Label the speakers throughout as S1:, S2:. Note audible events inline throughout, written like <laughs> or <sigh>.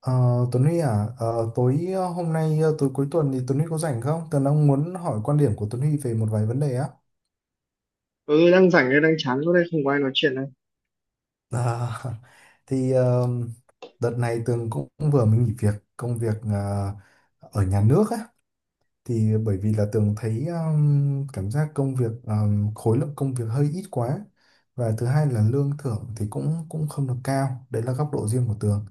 S1: Ờ, Tuấn Huy à, tối hôm nay tối cuối tuần thì Tuấn Huy có rảnh không? Tớ đang muốn hỏi quan điểm của Tuấn Huy về một vài vấn đề á.
S2: Ừ, đang rảnh đây, đang chán, chỗ đây không có ai nói chuyện đây.
S1: Ờ, <laughs> thì đợt này Tường cũng vừa mới nghỉ việc công việc ở nhà nước á, thì bởi vì là Tường thấy cảm giác công việc khối lượng công việc hơi ít quá và thứ hai là lương thưởng thì cũng cũng không được cao. Đấy là góc độ riêng của Tường.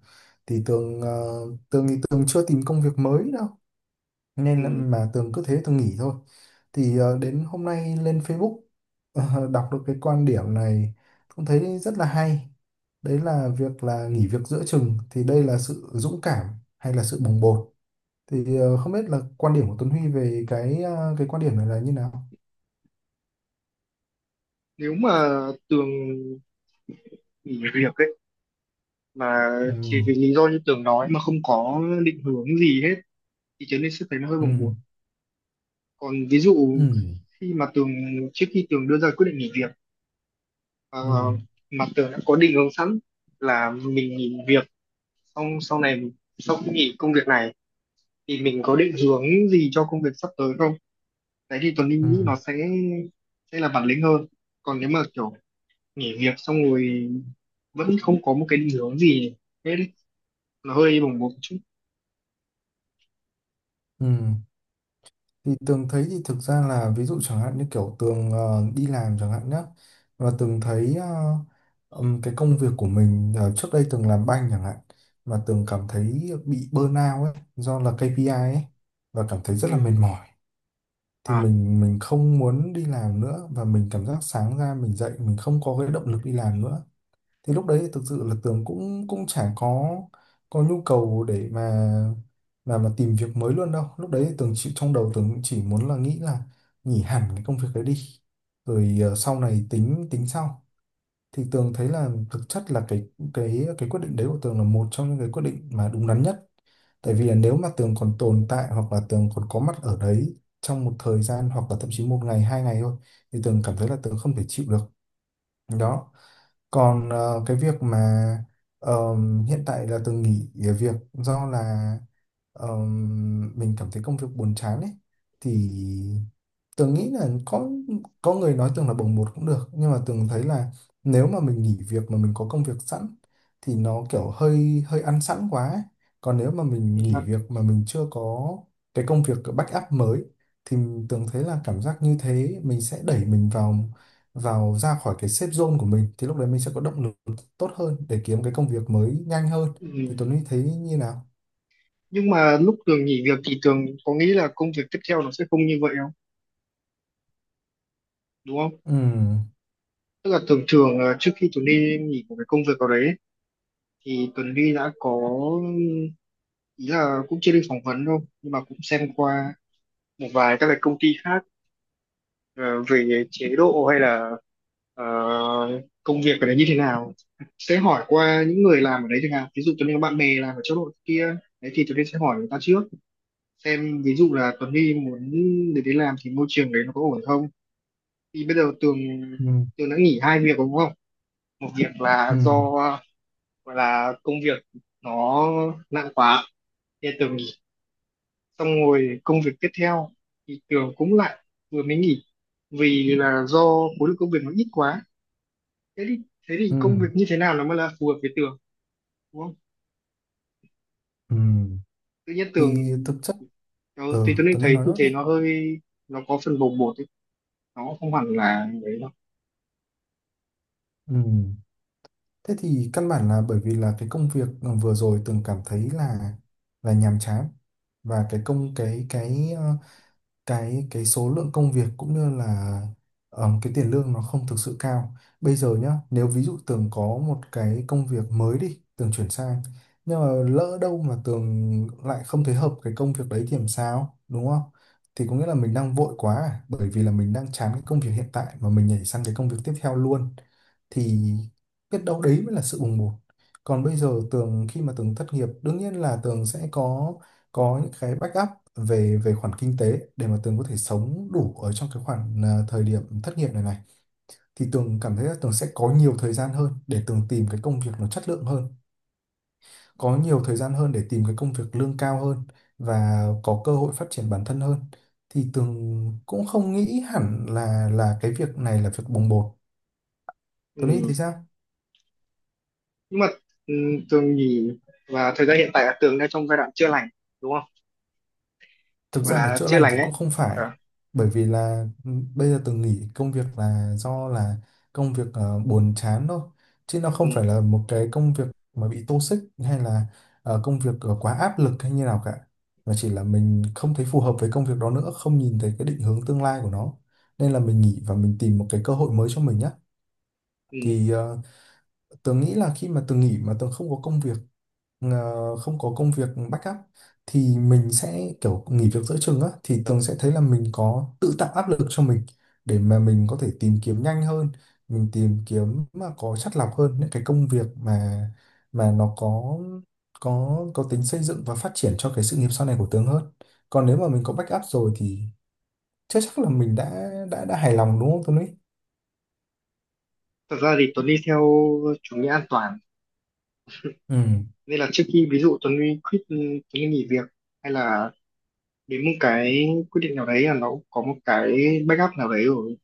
S1: Thì Tường chưa tìm công việc mới đâu nên là
S2: Ừ.
S1: mà Tường cứ thế Tường nghỉ thôi. Thì đến hôm nay lên Facebook, <laughs> đọc được cái quan điểm này cũng thấy rất là hay. Đấy là việc là nghỉ việc giữa chừng thì đây là sự dũng cảm hay là sự bồng bột. Thì không biết là quan điểm của Tuấn Huy về cái quan điểm này là như nào.
S2: Nếu mà Tường nghỉ việc ấy mà
S1: Ừ,
S2: chỉ vì lý do như Tường nói mà không có định hướng gì hết thì Trấn Linh sẽ thấy nó hơi
S1: ừ,
S2: bồng bột. Còn ví dụ
S1: ừ,
S2: khi mà Tường, trước khi Tường đưa ra quyết định nghỉ việc, ờ,
S1: ừ,
S2: mà Tường đã có định hướng sẵn là mình nghỉ việc xong sau này sau khi nghỉ công việc này thì mình có định hướng gì cho công việc sắp tới không, đấy thì Tuấn
S1: ừ,
S2: Linh nghĩ nó sẽ là bản lĩnh hơn. Còn nếu mà kiểu nghỉ việc xong rồi vẫn không có một cái định hướng gì hết ý. Nó hơi bồng bột một chút.
S1: ừ. Thì Tường thấy thì thực ra là ví dụ chẳng hạn như kiểu Tường đi làm chẳng hạn nhá, và Tường thấy cái công việc của mình, trước đây Tường làm banh chẳng hạn, mà Tường cảm thấy bị burnout ấy do là KPI ấy, và cảm thấy rất là
S2: Ừ.
S1: mệt mỏi. Thì
S2: À,
S1: mình không muốn đi làm nữa, và mình cảm giác sáng ra mình dậy mình không có cái động lực đi làm nữa. Thì lúc đấy thì thực sự là Tường cũng cũng chả có nhu cầu để mà mà tìm việc mới luôn đâu. Lúc đấy thì Tường chỉ, trong đầu Tường cũng chỉ muốn là nghĩ là nghỉ hẳn cái công việc đấy đi, rồi sau này tính tính sau. Thì Tường thấy là thực chất là cái quyết định đấy của Tường là một trong những cái quyết định mà đúng đắn nhất, tại vì là nếu mà Tường còn tồn tại hoặc là Tường còn có mặt ở đấy trong một thời gian hoặc là thậm chí một ngày hai ngày thôi thì Tường cảm thấy là Tường không thể chịu được đó. Còn cái việc mà hiện tại là từng nghỉ việc do là, mình cảm thấy công việc buồn chán ấy, thì Tường nghĩ là có người nói Tường là bồng bột cũng được, nhưng mà Tường thấy là nếu mà mình nghỉ việc mà mình có công việc sẵn thì nó kiểu hơi hơi ăn sẵn quá ấy. Còn nếu mà mình
S2: thì
S1: nghỉ
S2: là-
S1: việc mà mình chưa có cái công việc backup mới thì Tường thấy là cảm giác như thế mình sẽ đẩy mình vào vào ra khỏi cái safe zone của mình, thì lúc đấy mình sẽ có động lực tốt hơn để kiếm cái công việc mới nhanh hơn. Thì
S2: ừ.
S1: Tuấn Huy thấy như nào?
S2: Nhưng mà lúc Tường nghỉ việc thì Tường có nghĩ là công việc tiếp theo nó sẽ không như vậy không, đúng không?
S1: Ừ,
S2: Tức là thường thường là trước khi Tường đi nghỉ của cái công việc ở đấy ấy, thì Tuấn đi đã có, ý là cũng chưa đi phỏng vấn đâu nhưng mà cũng xem qua một vài các cái công ty khác, ờ, về chế độ hay là ờ, công việc ở đấy như thế nào, sẽ hỏi qua những người làm ở đấy chẳng hạn, ví dụ Tuấn Huy có bạn bè làm ở chỗ đội kia, đấy thì Tuấn Huy sẽ hỏi người ta trước, xem ví dụ là Tuấn Huy muốn để đến làm thì môi trường đấy nó có ổn không. Thì bây giờ Tường
S1: ừ,
S2: Tường đã nghỉ hai việc, đúng không? Một việc
S1: ừ,
S2: là do, gọi là công việc nó nặng quá thì Tường nghỉ, xong rồi công việc tiếp theo thì Tường cũng lại vừa mới nghỉ vì là do khối lượng công việc nó ít quá. Thế thì thế thì
S1: ừ,
S2: công việc như thế nào nó mới là phù hợp với Tường, đúng không?
S1: ừ.
S2: Tự nhiên tưởng
S1: Thì thực chất
S2: tớ,
S1: ừ,
S2: thì tôi nên
S1: Tuấn Huy
S2: thấy
S1: nói
S2: như
S1: nốt đi.
S2: thế nó có phần bồng bột ấy. Nó không hẳn là đấy đâu.
S1: Ừ. Thế thì căn bản là bởi vì là cái công việc vừa rồi từng cảm thấy là nhàm chán, và cái công cái ờ, cái số lượng công việc cũng như là cái tiền lương nó không thực sự cao. Bây giờ nhá, nếu ví dụ Tường có một cái công việc mới đi, Tường chuyển sang, nhưng mà lỡ đâu mà Tường lại không thấy hợp cái công việc đấy thì làm sao, đúng không? Thì có nghĩa là mình đang vội quá à, bởi vì là mình đang chán cái công việc hiện tại mà mình nhảy sang cái công việc tiếp theo luôn, thì biết đâu đấy mới là sự bùng bột. Còn bây giờ Tường khi mà Tường thất nghiệp, đương nhiên là Tường sẽ có những cái backup về về khoản kinh tế để mà Tường có thể sống đủ ở trong cái khoản à, thời điểm thất nghiệp này này. Thì Tường cảm thấy là Tường sẽ có nhiều thời gian hơn để Tường tìm cái công việc nó chất lượng hơn, có nhiều thời gian hơn để tìm cái công việc lương cao hơn, và có cơ hội phát triển bản thân hơn. Thì Tường cũng không nghĩ hẳn là cái việc này là việc bồng bột. Tường nghĩ thì
S2: Ừ.
S1: sao?
S2: Nhưng mà ừ, Tường nhìn và thời gian hiện tại là Tường đang trong giai đoạn chữa lành, đúng không?
S1: Thực
S2: Gọi
S1: ra là
S2: là
S1: chữa
S2: chữa
S1: lành
S2: lành
S1: thì
S2: ấy.
S1: cũng không phải,
S2: À.
S1: bởi vì là ừ, bây giờ từng nghỉ công việc là do là công việc buồn chán thôi, chứ nó
S2: Ừ.
S1: không phải là một cái công việc mà bị toxic hay là công việc quá áp lực hay như nào cả, mà chỉ là mình không thấy phù hợp với công việc đó nữa, không nhìn thấy cái định hướng tương lai của nó, nên là mình nghỉ và mình tìm một cái cơ hội mới cho mình nhé.
S2: Ừ.
S1: Thì tớ nghĩ là khi mà tớ nghỉ mà tớ không có công việc, không có công việc backup, thì mình sẽ kiểu nghỉ việc giữa chừng á, thì tường sẽ thấy là mình có tự tạo áp lực cho mình để mà mình có thể tìm kiếm nhanh hơn, mình tìm kiếm mà có chắt lọc hơn những cái công việc mà nó có có tính xây dựng và phát triển cho cái sự nghiệp sau này của tường hơn. Còn nếu mà mình có backup rồi thì chắc chắc là mình đã hài lòng, đúng không Tuấn Lý?
S2: Thật ra thì Tuấn đi theo chủ nghĩa an toàn,
S1: Ừ,
S2: nên là trước khi ví dụ Tuấn đi quit, Tuấn đi nghỉ việc hay là đến một cái quyết định nào đấy là nó cũng có một cái backup nào đấy rồi,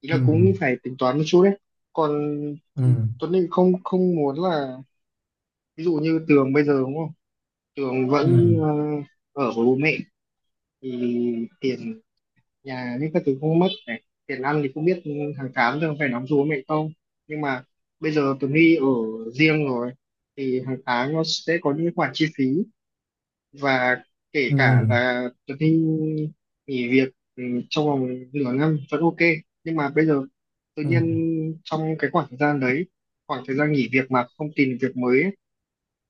S2: ý
S1: ừ,
S2: là cũng phải tính toán một chút đấy. Còn
S1: ừ,
S2: Tuấn thì không không muốn là, ví dụ như Tường bây giờ đúng không, Tường
S1: ừ,
S2: vẫn ở với bố mẹ thì tiền nhà những các thứ không mất, này tiền ăn thì không biết hàng tháng Tường phải đóng cho bố mẹ không, nhưng mà bây giờ Tường Huy ở riêng rồi thì hàng tháng nó sẽ có những khoản chi phí, và kể
S1: ừ,
S2: cả là Tường Huy nghỉ việc ừ, trong vòng nửa năm vẫn ok. Nhưng mà bây giờ tự
S1: ừ,
S2: nhiên trong cái khoảng thời gian đấy, khoảng thời gian nghỉ việc mà không tìm được việc mới ấy,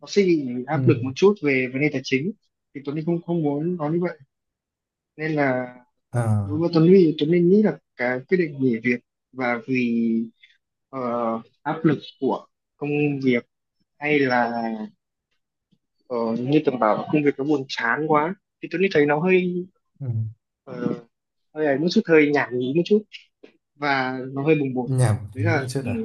S2: nó sẽ bị áp lực
S1: ừ,
S2: một chút về vấn đề tài chính. Thì Tuấn Linh không không muốn nó như vậy, nên là đối
S1: à,
S2: với Tuấn Linh, nghĩ là cái quyết định nghỉ việc và vì ờ, áp lực của công việc, hay là ờ, như tưởng bảo là công việc nó buồn chán quá, thì Tuấn Linh thấy nó hơi,
S1: ừ.
S2: ờ, hơi ấy một chút, hơi nhảm nhí một chút, và nó hơi bồng bột.
S1: Nhảm
S2: đấy
S1: thì hiểu
S2: là
S1: chết
S2: ừ,
S1: à.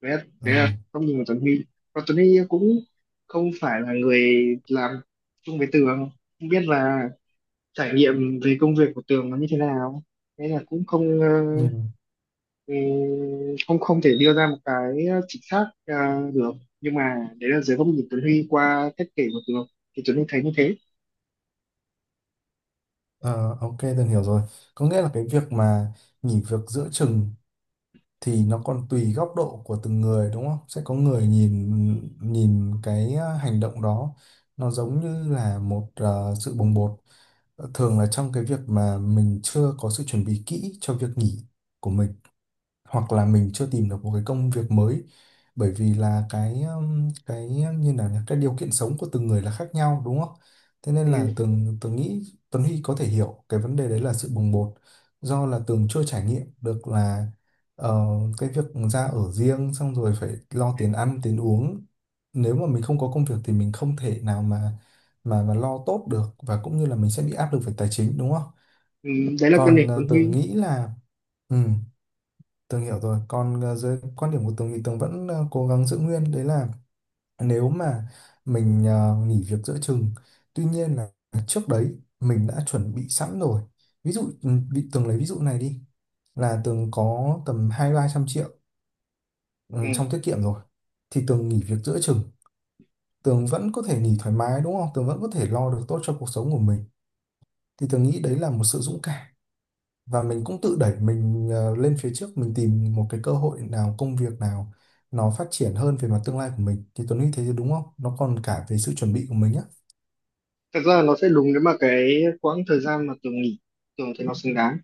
S2: đấy là,
S1: Ừ,
S2: đấy là góc nhìn của Tuấn Huy. Còn Tuấn Huy cũng không phải là người làm chung với Tường, không biết là trải nghiệm về công việc của Tường nó như thế nào, thế là cũng không ờ,
S1: ừ.
S2: ừ, không không thể đưa ra một cái chính xác được. Nhưng mà đấy là dưới góc nhìn Tuấn Huy qua cách kể của Tường thì Tuấn Huy thấy như thế.
S1: Ờ, ok tôi hiểu rồi. Có nghĩa là cái việc mà nghỉ việc giữa chừng thì nó còn tùy góc độ của từng người đúng không, sẽ có người nhìn nhìn cái ờ, hành động đó nó giống như là một sự bồng bột. Ờ, thường là trong cái việc mà mình chưa có sự chuẩn bị kỹ cho việc nghỉ của mình, hoặc là mình chưa tìm được một cái công việc mới, bởi vì là cái như là cái điều kiện sống của từng người là khác nhau đúng không? Thế nên
S2: Ừ.
S1: là Tường Tường nghĩ Tuấn Huy có thể hiểu cái vấn đề đấy là sự bồng bột, do là Tường chưa trải nghiệm được là, ờ, cái việc ra ở riêng xong rồi phải lo tiền ăn tiền uống, nếu mà mình không có công việc thì mình không thể nào mà mà lo tốt được, và cũng như là mình sẽ bị áp lực về tài chính đúng không?
S2: Ừ. Đấy là quan
S1: Còn
S2: điểm Tuấn
S1: Tường
S2: Huy.
S1: nghĩ là ừ, Tường hiểu rồi. Còn dưới quan điểm của Tường thì Tường vẫn cố gắng giữ nguyên. Đấy là nếu mà mình nghỉ việc giữa chừng, tuy nhiên là trước đấy mình đã chuẩn bị sẵn rồi. Ví dụ ừ, bị Tường lấy ví dụ này đi là Tường có tầm hai ba trăm triệu ừ,
S2: Ừ.
S1: trong tiết kiệm rồi, thì Tường nghỉ việc giữa chừng, Tường vẫn có thể nghỉ thoải mái đúng không? Tường vẫn có thể lo được tốt cho cuộc sống của mình. Thì Tường nghĩ đấy là một sự dũng cảm, và mình cũng tự đẩy mình lên phía trước, mình tìm một cái cơ hội nào công việc nào nó phát triển hơn về mặt tương lai của mình. Thì Tuấn nghĩ thế thì đúng không, nó còn cả về sự chuẩn bị của mình á.
S2: Thật ra là nó sẽ đúng nếu mà cái quãng thời gian mà Tường nghỉ, Tường thì nó xứng đáng,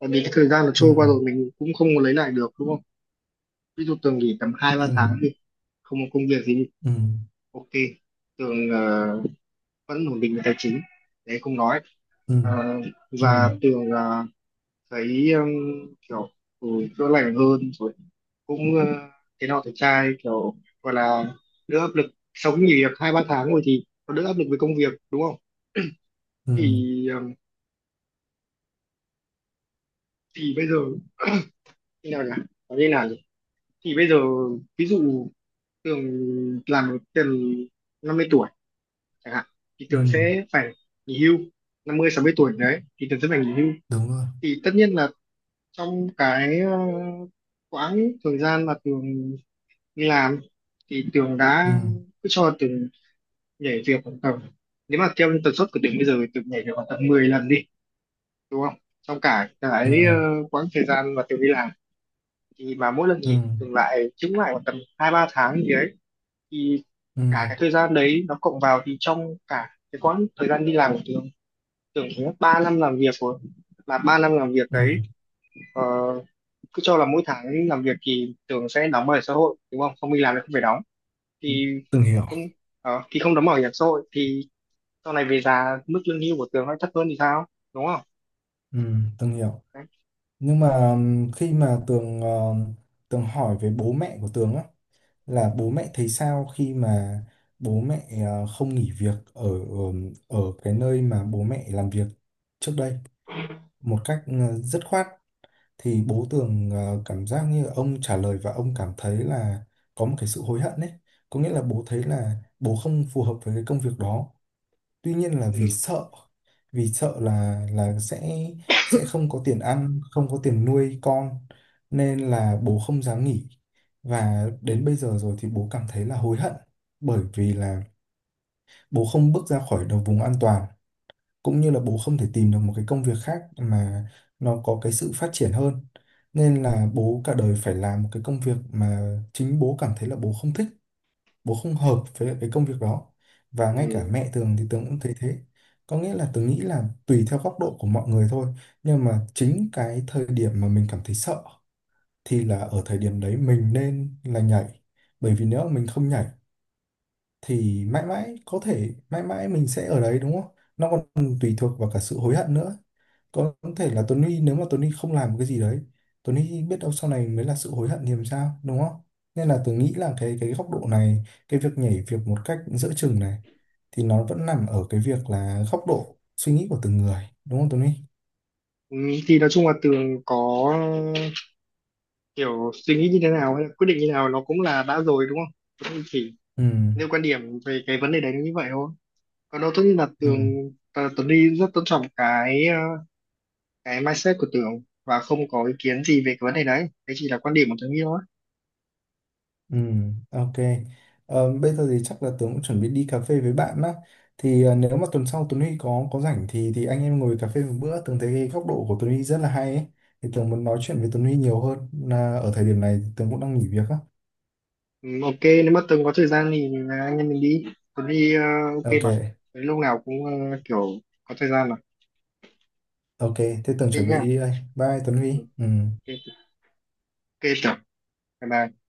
S2: tại vì cái thời gian nó
S1: Ừ,
S2: trôi qua rồi mình cũng không có lấy lại được, đúng không? Ví dụ Tường nghỉ tầm hai ba
S1: ừ,
S2: tháng thì không có công việc gì,
S1: ừ,
S2: ok, Tường vẫn ổn định về tài chính, đấy không nói.
S1: ừ,
S2: À.
S1: ừ,
S2: Và Tường thấy kiểu ừ, chữa lành hơn rồi, cũng thế nào thì trai kiểu, gọi là đỡ áp lực, sau khi nghỉ việc 2-3 tháng rồi thì nó đỡ áp lực với công việc, đúng không?
S1: ừ,
S2: Thì thì bây giờ như nào nhỉ, nói như nào nhỉ, thì bây giờ ví dụ Tường làm được tầm 50 tuổi chẳng hạn, thì
S1: ừ,
S2: Tường sẽ phải nghỉ hưu. 50 60 tuổi đấy thì Tường sẽ phải nghỉ hưu.
S1: đúng rồi,
S2: Thì tất nhiên là trong cái quãng thời gian mà Tường đi làm thì Tường đã,
S1: ừ,
S2: cứ cho Tường nhảy việc khoảng tầm, nếu mà theo tần suất của Tường bây giờ thì Tường nhảy việc khoảng tầm 10 lần đi, đúng không, trong cả cái
S1: ừ,
S2: quãng thời gian mà Tường đi làm, thì mà mỗi lần
S1: ừ,
S2: nghỉ Tường lại chứng lại khoảng tầm 2-3 tháng gì đấy, thì
S1: ừ,
S2: cả cái thời gian đấy nó cộng vào thì trong cả cái quãng thời gian đi làm của Tường Tường có 3 năm làm việc rồi, mà 3 năm làm việc
S1: ừ,
S2: đấy, ờ, cứ cho là mỗi tháng làm việc thì Tường sẽ đóng bảo hiểm xã hội, đúng không, không đi làm thì không phải đóng, thì
S1: từng hiểu,
S2: không thì không đóng bảo hiểm xã hội thì sau này về già mức lương hưu của Tường nó thấp hơn thì sao, đúng không?
S1: ừ, từng hiểu.
S2: Đấy.
S1: Nhưng mà khi mà Tường hỏi về bố mẹ của Tường á, là bố mẹ thấy sao khi mà bố mẹ không nghỉ việc ở ở ở cái nơi mà bố mẹ làm việc trước đây một cách dứt khoát, thì bố Tường cảm giác như ông trả lời và ông cảm thấy là có một cái sự hối hận đấy. Có nghĩa là bố thấy là bố không phù hợp với cái công việc đó, tuy nhiên là
S2: Ừ.
S1: vì sợ, vì sợ là sẽ không có tiền ăn không có tiền nuôi con, nên là bố không dám nghỉ. Và đến bây giờ rồi thì bố cảm thấy là hối hận, bởi vì là bố không bước ra khỏi đầu vùng an toàn, cũng như là bố không thể tìm được một cái công việc khác mà nó có cái sự phát triển hơn, nên là bố cả đời phải làm một cái công việc mà chính bố cảm thấy là bố không thích, bố không hợp với lại cái công việc đó. Và ngay cả
S2: Ừ.
S1: mẹ Tường thì Tường cũng thấy thế. Có nghĩa là Tường nghĩ là tùy theo góc độ của mọi người thôi, nhưng mà chính cái thời điểm mà mình cảm thấy sợ thì là ở thời điểm đấy mình nên là nhảy, bởi vì nếu mà mình không nhảy thì mãi mãi có thể mãi mãi mình sẽ ở đấy, đúng không, nó còn tùy thuộc vào cả sự hối hận nữa. Có thể là Tony nếu mà Tony không làm một cái gì đấy, Tony biết đâu sau này mới là sự hối hận thì làm sao đúng không. Nên là tôi nghĩ là cái góc độ này, cái việc nhảy việc một cách giữa chừng này, thì nó vẫn nằm ở cái việc là góc độ suy nghĩ của từng người đúng không Tony.
S2: Ừ. Thì nói chung là Tường có kiểu suy nghĩ như thế nào, hay là quyết định như thế nào, nó cũng là đã rồi, đúng không? Cũng chỉ
S1: Ừ,
S2: nêu quan điểm về cái vấn đề đấy như vậy thôi, còn đâu tất nhiên là
S1: ừ.
S2: Tuấn đi rất tôn trọng cái cái mindset của Tường và không có ý kiến gì về cái vấn đề đấy, đấy chỉ là quan điểm của Tường đi thôi.
S1: Ừ, ok. Ờ, bây giờ thì chắc là Tường cũng chuẩn bị đi cà phê với bạn á. Thì nếu mà tuần sau Tuấn Huy có rảnh thì anh em ngồi cà phê một bữa. Tường thấy cái góc độ của Tuấn Huy rất là hay ấy. Thì Tường muốn nói chuyện với Tuấn Huy nhiều hơn. Là ở thời điểm này Tường cũng đang nghỉ việc á.
S2: Ừ, ok. Nếu mà Tường có thời gian thì, à, anh em mình đi. Tuấn đi ok
S1: Ok,
S2: mà. Tới lúc nào cũng kiểu có thời gian mà.
S1: ok. Thế Tường
S2: Ok
S1: chuẩn bị
S2: nhá.
S1: đi đây. Bye Tuấn
S2: Ừ.
S1: Huy.
S2: Ok,
S1: Ừ.
S2: ok Tường, bye bye.